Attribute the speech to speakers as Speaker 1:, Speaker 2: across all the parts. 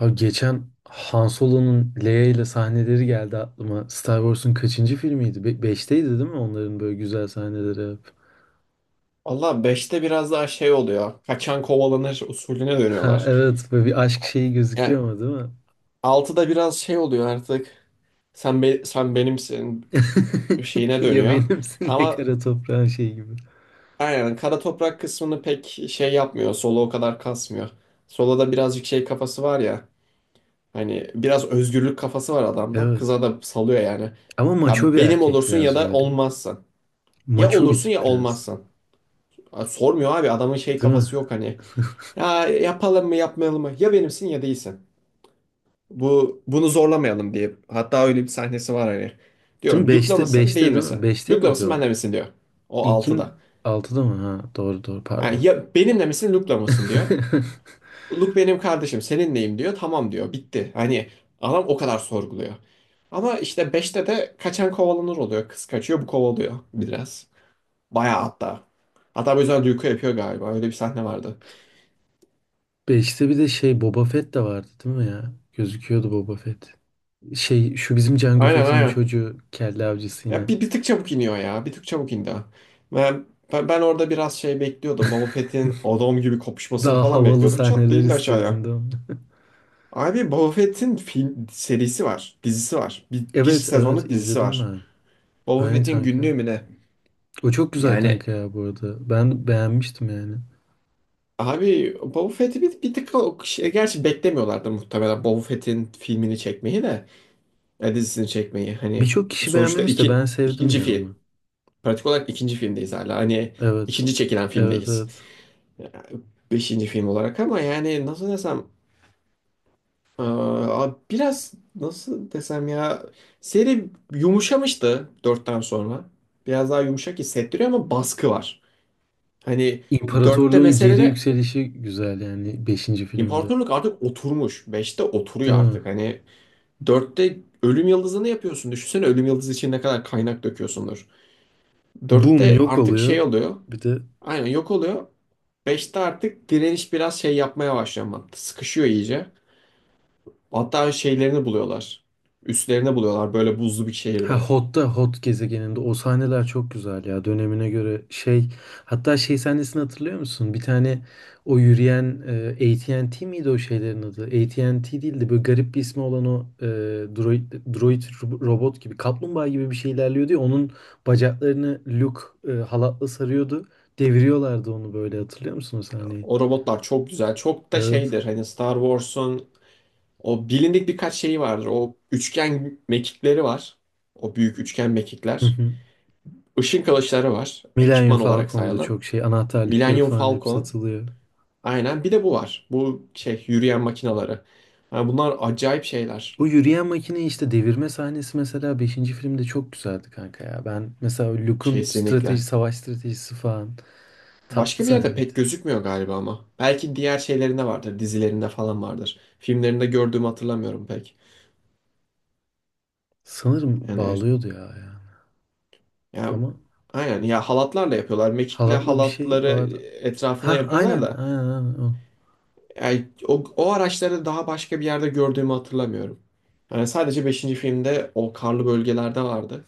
Speaker 1: Abi geçen Han Solo'nun Leia ile sahneleri geldi aklıma. Star Wars'un kaçıncı filmiydi? Beşteydi değil mi? Onların böyle güzel sahneleri hep.
Speaker 2: Valla beşte biraz daha şey oluyor. Kaçan kovalanır usulüne
Speaker 1: Ha
Speaker 2: dönüyorlar.
Speaker 1: evet böyle bir aşk şeyi
Speaker 2: Yani
Speaker 1: gözüküyor ama değil mi?
Speaker 2: altıda biraz şey oluyor artık. Sen benimsin şeyine
Speaker 1: Ya
Speaker 2: dönüyor.
Speaker 1: benimsin ya
Speaker 2: Ama
Speaker 1: kara toprağın şeyi gibi.
Speaker 2: aynen kara toprak kısmını pek şey yapmıyor. Solo o kadar kasmıyor. Solo'da birazcık şey kafası var ya. Hani biraz özgürlük kafası var adamda.
Speaker 1: Evet.
Speaker 2: Kıza da salıyor yani.
Speaker 1: Ama maço
Speaker 2: Ya
Speaker 1: bir
Speaker 2: benim
Speaker 1: erkek
Speaker 2: olursun ya
Speaker 1: biraz
Speaker 2: da
Speaker 1: böyle.
Speaker 2: olmazsın. Ya
Speaker 1: Maço bir
Speaker 2: olursun
Speaker 1: tip
Speaker 2: ya
Speaker 1: biraz.
Speaker 2: olmazsın. Sormuyor abi adamın şey
Speaker 1: Değil mi?
Speaker 2: kafası yok hani. Ya yapalım mı yapmayalım mı? Ya benimsin ya değilsin. Bu bunu zorlamayalım diye. Hatta öyle bir sahnesi var hani.
Speaker 1: Değil
Speaker 2: Diyor
Speaker 1: mi?
Speaker 2: Luke'la
Speaker 1: Beşte,
Speaker 2: mısın değil
Speaker 1: beşte değil mi?
Speaker 2: misin?
Speaker 1: Beşte
Speaker 2: Luke'la
Speaker 1: miydi
Speaker 2: mısın
Speaker 1: o?
Speaker 2: benle misin diyor. O
Speaker 1: İlkin
Speaker 2: 6'da.
Speaker 1: altıda mı? Ha doğru doğru pardon.
Speaker 2: Yani ya benimle misin Luke'la mısın diyor. Luke benim kardeşim seninleyim diyor. Tamam diyor bitti. Hani adam o kadar sorguluyor. Ama işte beşte de kaçan kovalanır oluyor. Kız kaçıyor bu kovalıyor biraz. Bayağı hatta. Hatta bu yüzden Luke'u yapıyor galiba. Öyle bir sahne vardı.
Speaker 1: Beşte bir de şey Boba Fett de vardı değil mi ya? Gözüküyordu Boba Fett. Şey şu bizim Can
Speaker 2: Aynen
Speaker 1: Gafet'in
Speaker 2: aynen.
Speaker 1: çocuğu kelle avcısı yine.
Speaker 2: Ya bir tık çabuk iniyor ya. Bir tık çabuk indi. Ben, ben orada biraz şey bekliyordum. Boba Fett'in adam gibi kopuşmasını
Speaker 1: Daha
Speaker 2: falan
Speaker 1: havalı
Speaker 2: bekliyordum. Çat
Speaker 1: sahneler
Speaker 2: diye indi aşağıya.
Speaker 1: istiyordun değil mi?
Speaker 2: Abi Boba Fett'in film serisi var. Dizisi var. Bir
Speaker 1: Evet evet
Speaker 2: sezonluk dizisi
Speaker 1: izledim
Speaker 2: var.
Speaker 1: ben.
Speaker 2: Boba
Speaker 1: Aynen
Speaker 2: Fett'in
Speaker 1: kanka.
Speaker 2: günlüğü mü ne?
Speaker 1: O çok güzel
Speaker 2: Yani
Speaker 1: kanka ya bu arada. Ben beğenmiştim yani.
Speaker 2: abi Boba Fett'i bir tık o şey, gerçi beklemiyorlardı muhtemelen Boba Fett'in filmini çekmeyi de ya dizisini çekmeyi. Hani
Speaker 1: Birçok kişi
Speaker 2: sonuçta
Speaker 1: beğenmemiş de ben
Speaker 2: iki,
Speaker 1: sevdim
Speaker 2: ikinci
Speaker 1: ya
Speaker 2: film.
Speaker 1: onu.
Speaker 2: Pratik olarak ikinci filmdeyiz hala. Hani
Speaker 1: Evet.
Speaker 2: ikinci çekilen
Speaker 1: Evet
Speaker 2: filmdeyiz.
Speaker 1: evet.
Speaker 2: Beşinci film olarak ama yani nasıl desem, biraz nasıl desem ya, seri yumuşamıştı dörtten sonra. Biraz daha yumuşak hissettiriyor ama baskı var. Hani dörtte
Speaker 1: İmparatorluğun
Speaker 2: mesele
Speaker 1: geri
Speaker 2: de
Speaker 1: yükselişi güzel yani beşinci filmde.
Speaker 2: imparatorluk artık oturmuş. Beşte
Speaker 1: Değil
Speaker 2: oturuyor
Speaker 1: mi?
Speaker 2: artık. Hani dörtte ölüm yıldızını yapıyorsun. Düşünsene ölüm yıldızı için ne kadar kaynak döküyorsundur.
Speaker 1: Boom
Speaker 2: Dörtte
Speaker 1: yok
Speaker 2: artık şey
Speaker 1: oluyor.
Speaker 2: oluyor.
Speaker 1: Bir de
Speaker 2: Aynen yok oluyor. Beşte artık direniş biraz şey yapmaya başlıyor ama sıkışıyor iyice. Hatta şeylerini buluyorlar. Üslerini buluyorlar böyle buzlu bir
Speaker 1: ha
Speaker 2: şehirde.
Speaker 1: Hot'ta Hot gezegeninde o sahneler çok güzel ya dönemine göre şey, hatta şey sahnesini hatırlıyor musun? Bir tane o yürüyen AT&T miydi o şeylerin adı? AT&T değildi böyle garip bir ismi olan o droid, robot gibi kaplumbağa gibi bir şey ilerliyordu ya onun bacaklarını Luke halatla sarıyordu, deviriyorlardı onu, böyle hatırlıyor musun o sahneyi?
Speaker 2: O robotlar çok güzel. Çok da
Speaker 1: Evet.
Speaker 2: şeydir hani Star Wars'un o bilindik birkaç şeyi vardır. O üçgen mekikleri var. O büyük üçgen
Speaker 1: Hı
Speaker 2: mekikler.
Speaker 1: hı.
Speaker 2: Işın kılıçları var.
Speaker 1: Millennium
Speaker 2: Ekipman olarak
Speaker 1: Falcon'da
Speaker 2: sayalım.
Speaker 1: çok şey anahtarlıkları
Speaker 2: Millennium
Speaker 1: falan hep
Speaker 2: Falcon.
Speaker 1: satılıyor.
Speaker 2: Aynen bir de bu var. Bu şey yürüyen makinaları. Yani bunlar acayip şeyler.
Speaker 1: Bu yürüyen makine işte devirme sahnesi mesela beşinci filmde çok güzeldi kanka ya. Ben mesela Luke'un strateji,
Speaker 2: Kesinlikle.
Speaker 1: savaş stratejisi falan tatlı
Speaker 2: Başka bir yerde
Speaker 1: sahneydi.
Speaker 2: pek gözükmüyor galiba ama. Belki diğer şeylerinde vardır, dizilerinde falan vardır. Filmlerinde gördüğümü hatırlamıyorum pek.
Speaker 1: Sanırım
Speaker 2: Yani
Speaker 1: bağlıyordu ya yani.
Speaker 2: ya
Speaker 1: Ama
Speaker 2: aynen ya halatlarla yapıyorlar. Mekikle
Speaker 1: halatlı bir şey
Speaker 2: halatları
Speaker 1: vardı.
Speaker 2: etrafına
Speaker 1: Ha
Speaker 2: yapıyorlar
Speaker 1: aynen
Speaker 2: da
Speaker 1: aynen, aynen o.
Speaker 2: yani o, o araçları daha başka bir yerde gördüğümü hatırlamıyorum. Yani sadece beşinci filmde o karlı bölgelerde vardı.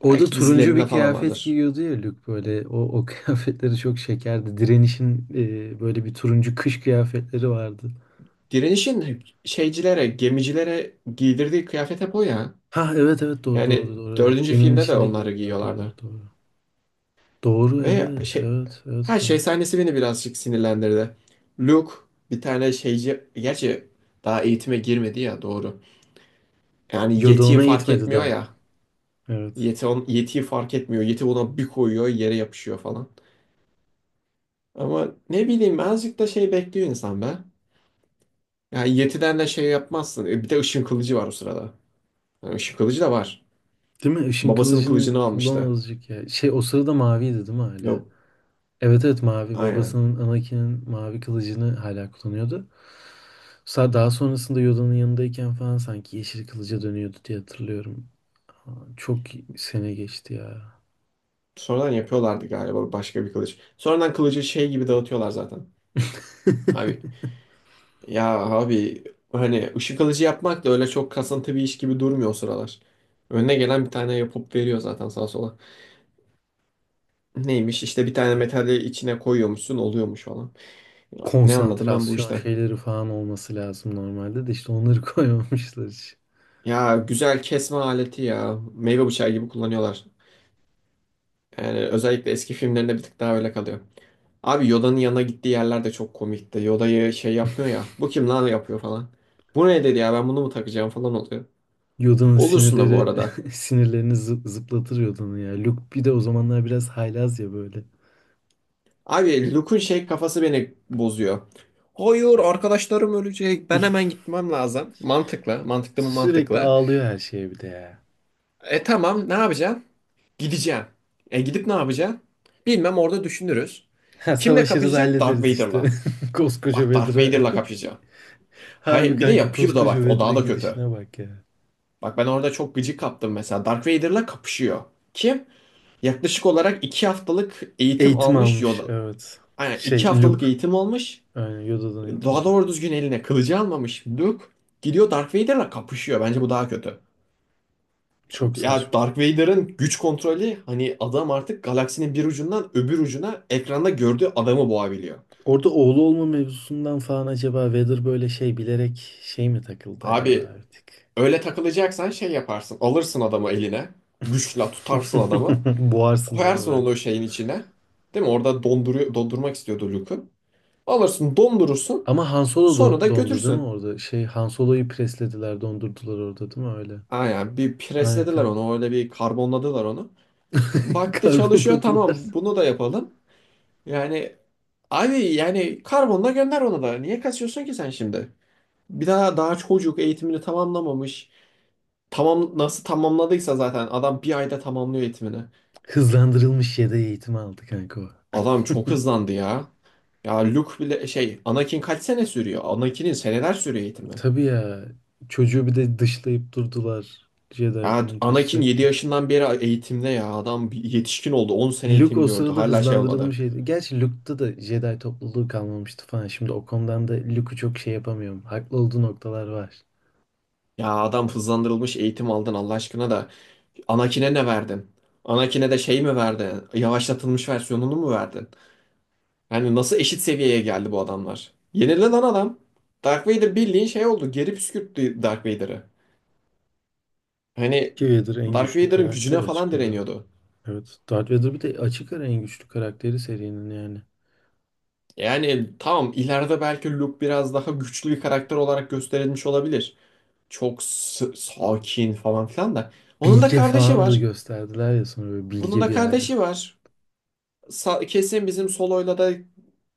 Speaker 1: Orada
Speaker 2: Belki
Speaker 1: turuncu bir
Speaker 2: dizilerinde falan
Speaker 1: kıyafet
Speaker 2: vardır.
Speaker 1: giyiyordu ya Luke böyle. O kıyafetleri çok şekerdi. Direniş'in böyle bir turuncu kış kıyafetleri vardı.
Speaker 2: Direniş'in şeycilere, gemicilere giydirdiği kıyafet hep o ya.
Speaker 1: Ha evet evet doğru
Speaker 2: Yani
Speaker 1: doğru doğru evet.
Speaker 2: dördüncü
Speaker 1: Geminin
Speaker 2: filmde de
Speaker 1: içinde
Speaker 2: onları
Speaker 1: giyiyorlar,
Speaker 2: giyiyorlardı.
Speaker 1: doğru doğru. Doğru
Speaker 2: Ve
Speaker 1: evet
Speaker 2: şey,
Speaker 1: evet evet
Speaker 2: her şey
Speaker 1: kanka.
Speaker 2: sahnesi beni birazcık sinirlendirdi. Luke bir tane şeyci, gerçi daha eğitime girmedi ya doğru. Yani yetiyi
Speaker 1: Yoda
Speaker 2: fark
Speaker 1: eğitmedi
Speaker 2: etmiyor
Speaker 1: daha.
Speaker 2: ya.
Speaker 1: Evet.
Speaker 2: Yetiyi fark etmiyor. Yeti ona bir koyuyor yere yapışıyor falan. Ama ne bileyim azıcık da şey bekliyor insan be. Yani yetiden de şey yapmazsın. E, bir de ışın kılıcı var o sırada. Yani ışın kılıcı da var.
Speaker 1: Değil mi? Işın
Speaker 2: Babasının
Speaker 1: kılıcını
Speaker 2: kılıcını
Speaker 1: kullan
Speaker 2: almıştı.
Speaker 1: azıcık ya. Şey o sırada maviydi değil mi hala?
Speaker 2: Yok
Speaker 1: Evet evet mavi.
Speaker 2: aynen.
Speaker 1: Babasının Anakin'in mavi kılıcını hala kullanıyordu. Daha sonrasında Yoda'nın yanındayken falan sanki yeşil kılıca dönüyordu diye hatırlıyorum. Çok sene geçti ya.
Speaker 2: Sonradan yapıyorlardı galiba başka bir kılıç. Sonradan kılıcı şey gibi dağıtıyorlar zaten. Abi Ya abi hani ışık alıcı yapmak da öyle çok kasıntı bir iş gibi durmuyor o sıralar. Önüne gelen bir tane yapıp veriyor zaten sağa sola. Neymiş işte bir tane metali içine koyuyormuşsun oluyormuş falan. Ya, ne anladım ben bu
Speaker 1: Konsantrasyon
Speaker 2: işten?
Speaker 1: şeyleri falan olması lazım normalde, de işte onları koymamışlar hiç.
Speaker 2: Ya güzel kesme aleti ya. Meyve bıçağı gibi kullanıyorlar. Yani özellikle eski filmlerinde bir tık daha öyle kalıyor. Abi Yoda'nın yanına gittiği yerler de çok komikti. Yoda'yı şey yapmıyor ya. Bu kim lan yapıyor falan. Bu ne dedi ya ben bunu mu takacağım falan oluyor.
Speaker 1: Yoda'nın
Speaker 2: Olursun da bu
Speaker 1: sinirleri
Speaker 2: arada.
Speaker 1: sinirlerini zıplatır Yoda'nın ya. Luke bir de o zamanlar biraz haylaz ya böyle.
Speaker 2: Abi Luke'un şey kafası beni bozuyor. Hayır arkadaşlarım ölecek. Ben hemen gitmem lazım. Mantıklı. Mantıklı mı
Speaker 1: Sürekli
Speaker 2: mantıklı.
Speaker 1: ağlıyor her şeye bir de ya.
Speaker 2: E tamam ne yapacağım? Gideceğim. E gidip ne yapacağım? Bilmem orada düşünürüz.
Speaker 1: Ha,
Speaker 2: Kimle
Speaker 1: savaşırız
Speaker 2: kapışacak? Darth
Speaker 1: hallederiz işte.
Speaker 2: Vader'la.
Speaker 1: Koskoca
Speaker 2: Bak Darth
Speaker 1: Vedra.
Speaker 2: Vader'la kapışacağım.
Speaker 1: Harbi
Speaker 2: Hayır bir de
Speaker 1: kanka,
Speaker 2: yapıyor da
Speaker 1: koskoca
Speaker 2: bak o daha
Speaker 1: Vedra
Speaker 2: da kötü.
Speaker 1: gidişine bak ya.
Speaker 2: Bak ben orada çok gıcık kaptım mesela. Darth Vader'la kapışıyor. Kim? Yaklaşık olarak 2 haftalık eğitim
Speaker 1: Eğitim
Speaker 2: almış
Speaker 1: almış
Speaker 2: Yoda.
Speaker 1: evet.
Speaker 2: Aynen iki
Speaker 1: Şey
Speaker 2: haftalık
Speaker 1: Luke.
Speaker 2: eğitim almış.
Speaker 1: Yani Yoda'dan eğitim
Speaker 2: Daha
Speaker 1: aldı.
Speaker 2: doğru düzgün eline kılıcı almamış Luke. Gidiyor Darth Vader'la kapışıyor. Bence bu daha kötü.
Speaker 1: Çok
Speaker 2: Ya
Speaker 1: saçma.
Speaker 2: Darth Vader'ın güç kontrolü hani adam artık galaksinin bir ucundan öbür ucuna ekranda gördüğü adamı boğabiliyor.
Speaker 1: Orada oğlu olma mevzusundan falan acaba Vader böyle şey bilerek şey mi takıldı acaba
Speaker 2: Abi
Speaker 1: artık?
Speaker 2: öyle takılacaksan şey yaparsın. Alırsın adamı eline. Güçle tutarsın adamı.
Speaker 1: Boğarsın değil mi
Speaker 2: Koyarsın
Speaker 1: böyle?
Speaker 2: onu o şeyin içine. Değil mi? Orada donduruyor, dondurmak istiyordu Luke'u. Alırsın dondurursun.
Speaker 1: Ama Han Solo
Speaker 2: Sonra da
Speaker 1: dondu değil mi
Speaker 2: götürsün.
Speaker 1: orada? Şey Han Solo'yu preslediler, dondurdular orada değil mi öyle?
Speaker 2: Aynen bir
Speaker 1: Aynen
Speaker 2: preslediler
Speaker 1: kanka.
Speaker 2: onu. Öyle bir karbonladılar onu. Baktı çalışıyor
Speaker 1: Karbonladılar.
Speaker 2: tamam bunu da yapalım. Yani abi yani karbonla gönder onu da. Niye kaçıyorsun ki sen şimdi? Bir daha daha çocuk eğitimini tamamlamamış. Tamam nasıl tamamladıysa zaten adam bir ayda tamamlıyor eğitimini.
Speaker 1: Hızlandırılmış yedeği eğitimi aldı kanka o.
Speaker 2: Adam çok hızlandı ya. Ya Luke bile şey Anakin kaç sene sürüyor? Anakin'in seneler sürüyor eğitimi.
Speaker 1: Tabii ya. Çocuğu bir de dışlayıp durdular. Jedi
Speaker 2: Ya
Speaker 1: komitesi
Speaker 2: Anakin 7
Speaker 1: sürekli.
Speaker 2: yaşından beri eğitimde ya adam bir yetişkin oldu 10 sene
Speaker 1: Luke
Speaker 2: eğitim
Speaker 1: o
Speaker 2: gördü
Speaker 1: sırada
Speaker 2: hala şey olmadı.
Speaker 1: hızlandırılmış yedi. Gerçi Luke'da da Jedi topluluğu kalmamıştı falan. Şimdi o konudan da Luke'u çok şey yapamıyorum. Haklı olduğu noktalar var.
Speaker 2: Ya adam hızlandırılmış eğitim aldın Allah aşkına da Anakin'e ne verdin? Anakin'e de şey mi verdin? Yavaşlatılmış versiyonunu mu verdin? Yani nasıl eşit seviyeye geldi bu adamlar? Yenildi lan adam. Dark Vader bildiğin şey oldu. Geri püskürttü Dark Vader'ı. Hani
Speaker 1: Ki Vader en
Speaker 2: Dark
Speaker 1: güçlü
Speaker 2: Vader'ın
Speaker 1: karakter
Speaker 2: gücüne falan
Speaker 1: açık ara.
Speaker 2: direniyordu.
Speaker 1: Evet. Darth Vader bir de açık ara en güçlü karakteri serinin yani.
Speaker 2: Yani tamam ileride belki Luke biraz daha güçlü bir karakter olarak gösterilmiş olabilir. Çok sakin falan filan da. Onun da
Speaker 1: Bilge
Speaker 2: kardeşi
Speaker 1: falan da
Speaker 2: var.
Speaker 1: gösterdiler ya sonra, böyle
Speaker 2: Bunun
Speaker 1: bilge
Speaker 2: da
Speaker 1: bir hali.
Speaker 2: kardeşi var. Kesin bizim Solo'yla da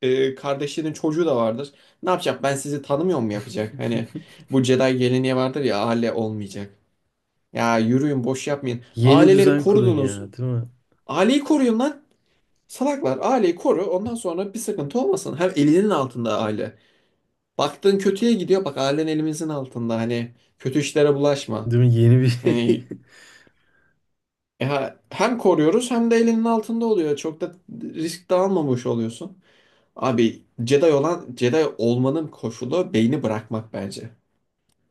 Speaker 2: kardeşinin çocuğu da vardır. Ne yapacak? Ben sizi tanımıyor mu yapacak? Hani bu Jedi geleneği vardır ya aile olmayacak. Ya yürüyün boş yapmayın.
Speaker 1: Yeni
Speaker 2: Aileleri
Speaker 1: düzen kurun
Speaker 2: korudunuz.
Speaker 1: ya, değil mi?
Speaker 2: Aileyi koruyun lan. Salaklar aileyi koru. Ondan sonra bir sıkıntı olmasın. Hem elinin altında aile. Baktığın kötüye gidiyor. Bak ailen elimizin altında. Hani kötü işlere bulaşma.
Speaker 1: Değil mi? Yeni bir şey.
Speaker 2: Yani ya hem koruyoruz hem de elinin altında oluyor. Çok da risk de almamış oluyorsun. Abi Jedi olan Jedi olmanın koşulu beyni bırakmak bence.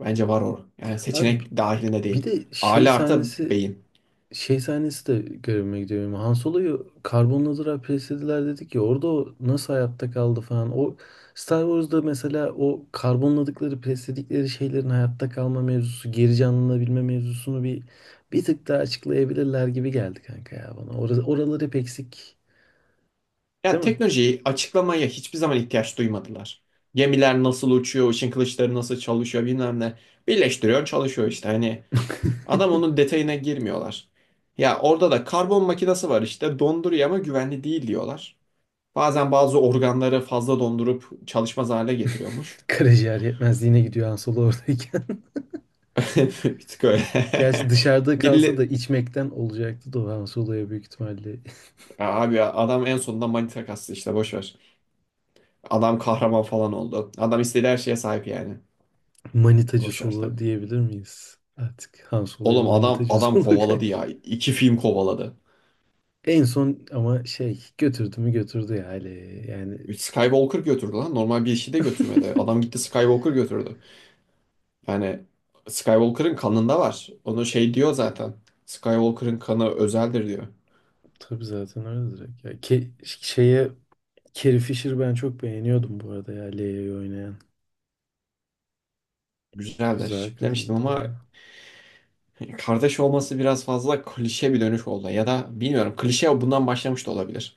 Speaker 2: Bence var o. Yani
Speaker 1: Abi
Speaker 2: seçenek dahilinde
Speaker 1: bir
Speaker 2: değil.
Speaker 1: de şey
Speaker 2: Aile artı
Speaker 1: sahnesi,
Speaker 2: beyin.
Speaker 1: şey sahnesi de görevime gidiyor benim. Han Solo'yu karbonladılar, preslediler dedik ya orada, o nasıl hayatta kaldı falan. O Star Wars'da mesela o karbonladıkları, presledikleri şeylerin hayatta kalma mevzusu, geri canlanabilme mevzusunu bir bir tık daha açıklayabilirler gibi geldi kanka ya bana. Orası, oralar hep eksik,
Speaker 2: Ya
Speaker 1: değil mi?
Speaker 2: teknolojiyi açıklamaya hiçbir zaman ihtiyaç duymadılar. Gemiler nasıl uçuyor, ışın kılıçları nasıl çalışıyor bilmem ne. Birleştiriyor çalışıyor işte hani. Adam onun detayına girmiyorlar. Ya orada da karbon makinesi var işte donduruyor ama güvenli değil diyorlar. Bazen bazı organları fazla dondurup çalışmaz hale getiriyormuş.
Speaker 1: Karaciğer yetmezliğine gidiyor Han Solo oradayken.
Speaker 2: Bir tık öyle.
Speaker 1: Gerçi dışarıda kalsa da
Speaker 2: Biri,
Speaker 1: içmekten olacaktı da o Han Solo'ya büyük ihtimalle
Speaker 2: abi ya, adam en sonunda manita kastı işte boş ver. Adam kahraman falan oldu. Adam istediği her şeye sahip yani.
Speaker 1: manitacı
Speaker 2: Boş ver
Speaker 1: Solo
Speaker 2: tabii.
Speaker 1: diyebilir miyiz? Artık Han Solo'ya
Speaker 2: Oğlum adam
Speaker 1: manitacı
Speaker 2: adam
Speaker 1: Solo
Speaker 2: kovaladı
Speaker 1: kanka.
Speaker 2: ya. İki film kovaladı.
Speaker 1: En son ama şey götürdü mü götürdü ya aileye. Yani
Speaker 2: Skywalker götürdü lan. Normal bir işi de götürmedi. Adam gitti Skywalker götürdü. Yani Skywalker'ın kanında var. Onu şey diyor zaten. Skywalker'ın kanı özeldir diyor.
Speaker 1: tabii zaten öyle direkt. Şeye Carrie Fisher'ı ben çok beğeniyordum bu arada ya, Leia'yı oynayan. Güzel
Speaker 2: Güzeldir. Demiştim
Speaker 1: kadındı
Speaker 2: ama
Speaker 1: baya.
Speaker 2: kardeş olması biraz fazla klişe bir dönüş oldu. Ya da bilmiyorum klişe bundan başlamış da olabilir.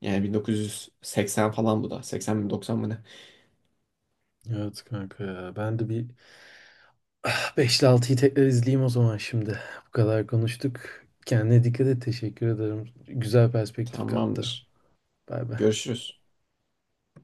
Speaker 2: Yani 1980 falan bu da. 80 mi 90 mı ne?
Speaker 1: Evet kanka ya. Ben de bir 5 ile 6'yı tekrar izleyeyim o zaman şimdi. Bu kadar konuştuk. Kendine dikkat et. Teşekkür ederim. Güzel perspektif kattı.
Speaker 2: Tamamdır.
Speaker 1: Bay bay.
Speaker 2: Görüşürüz.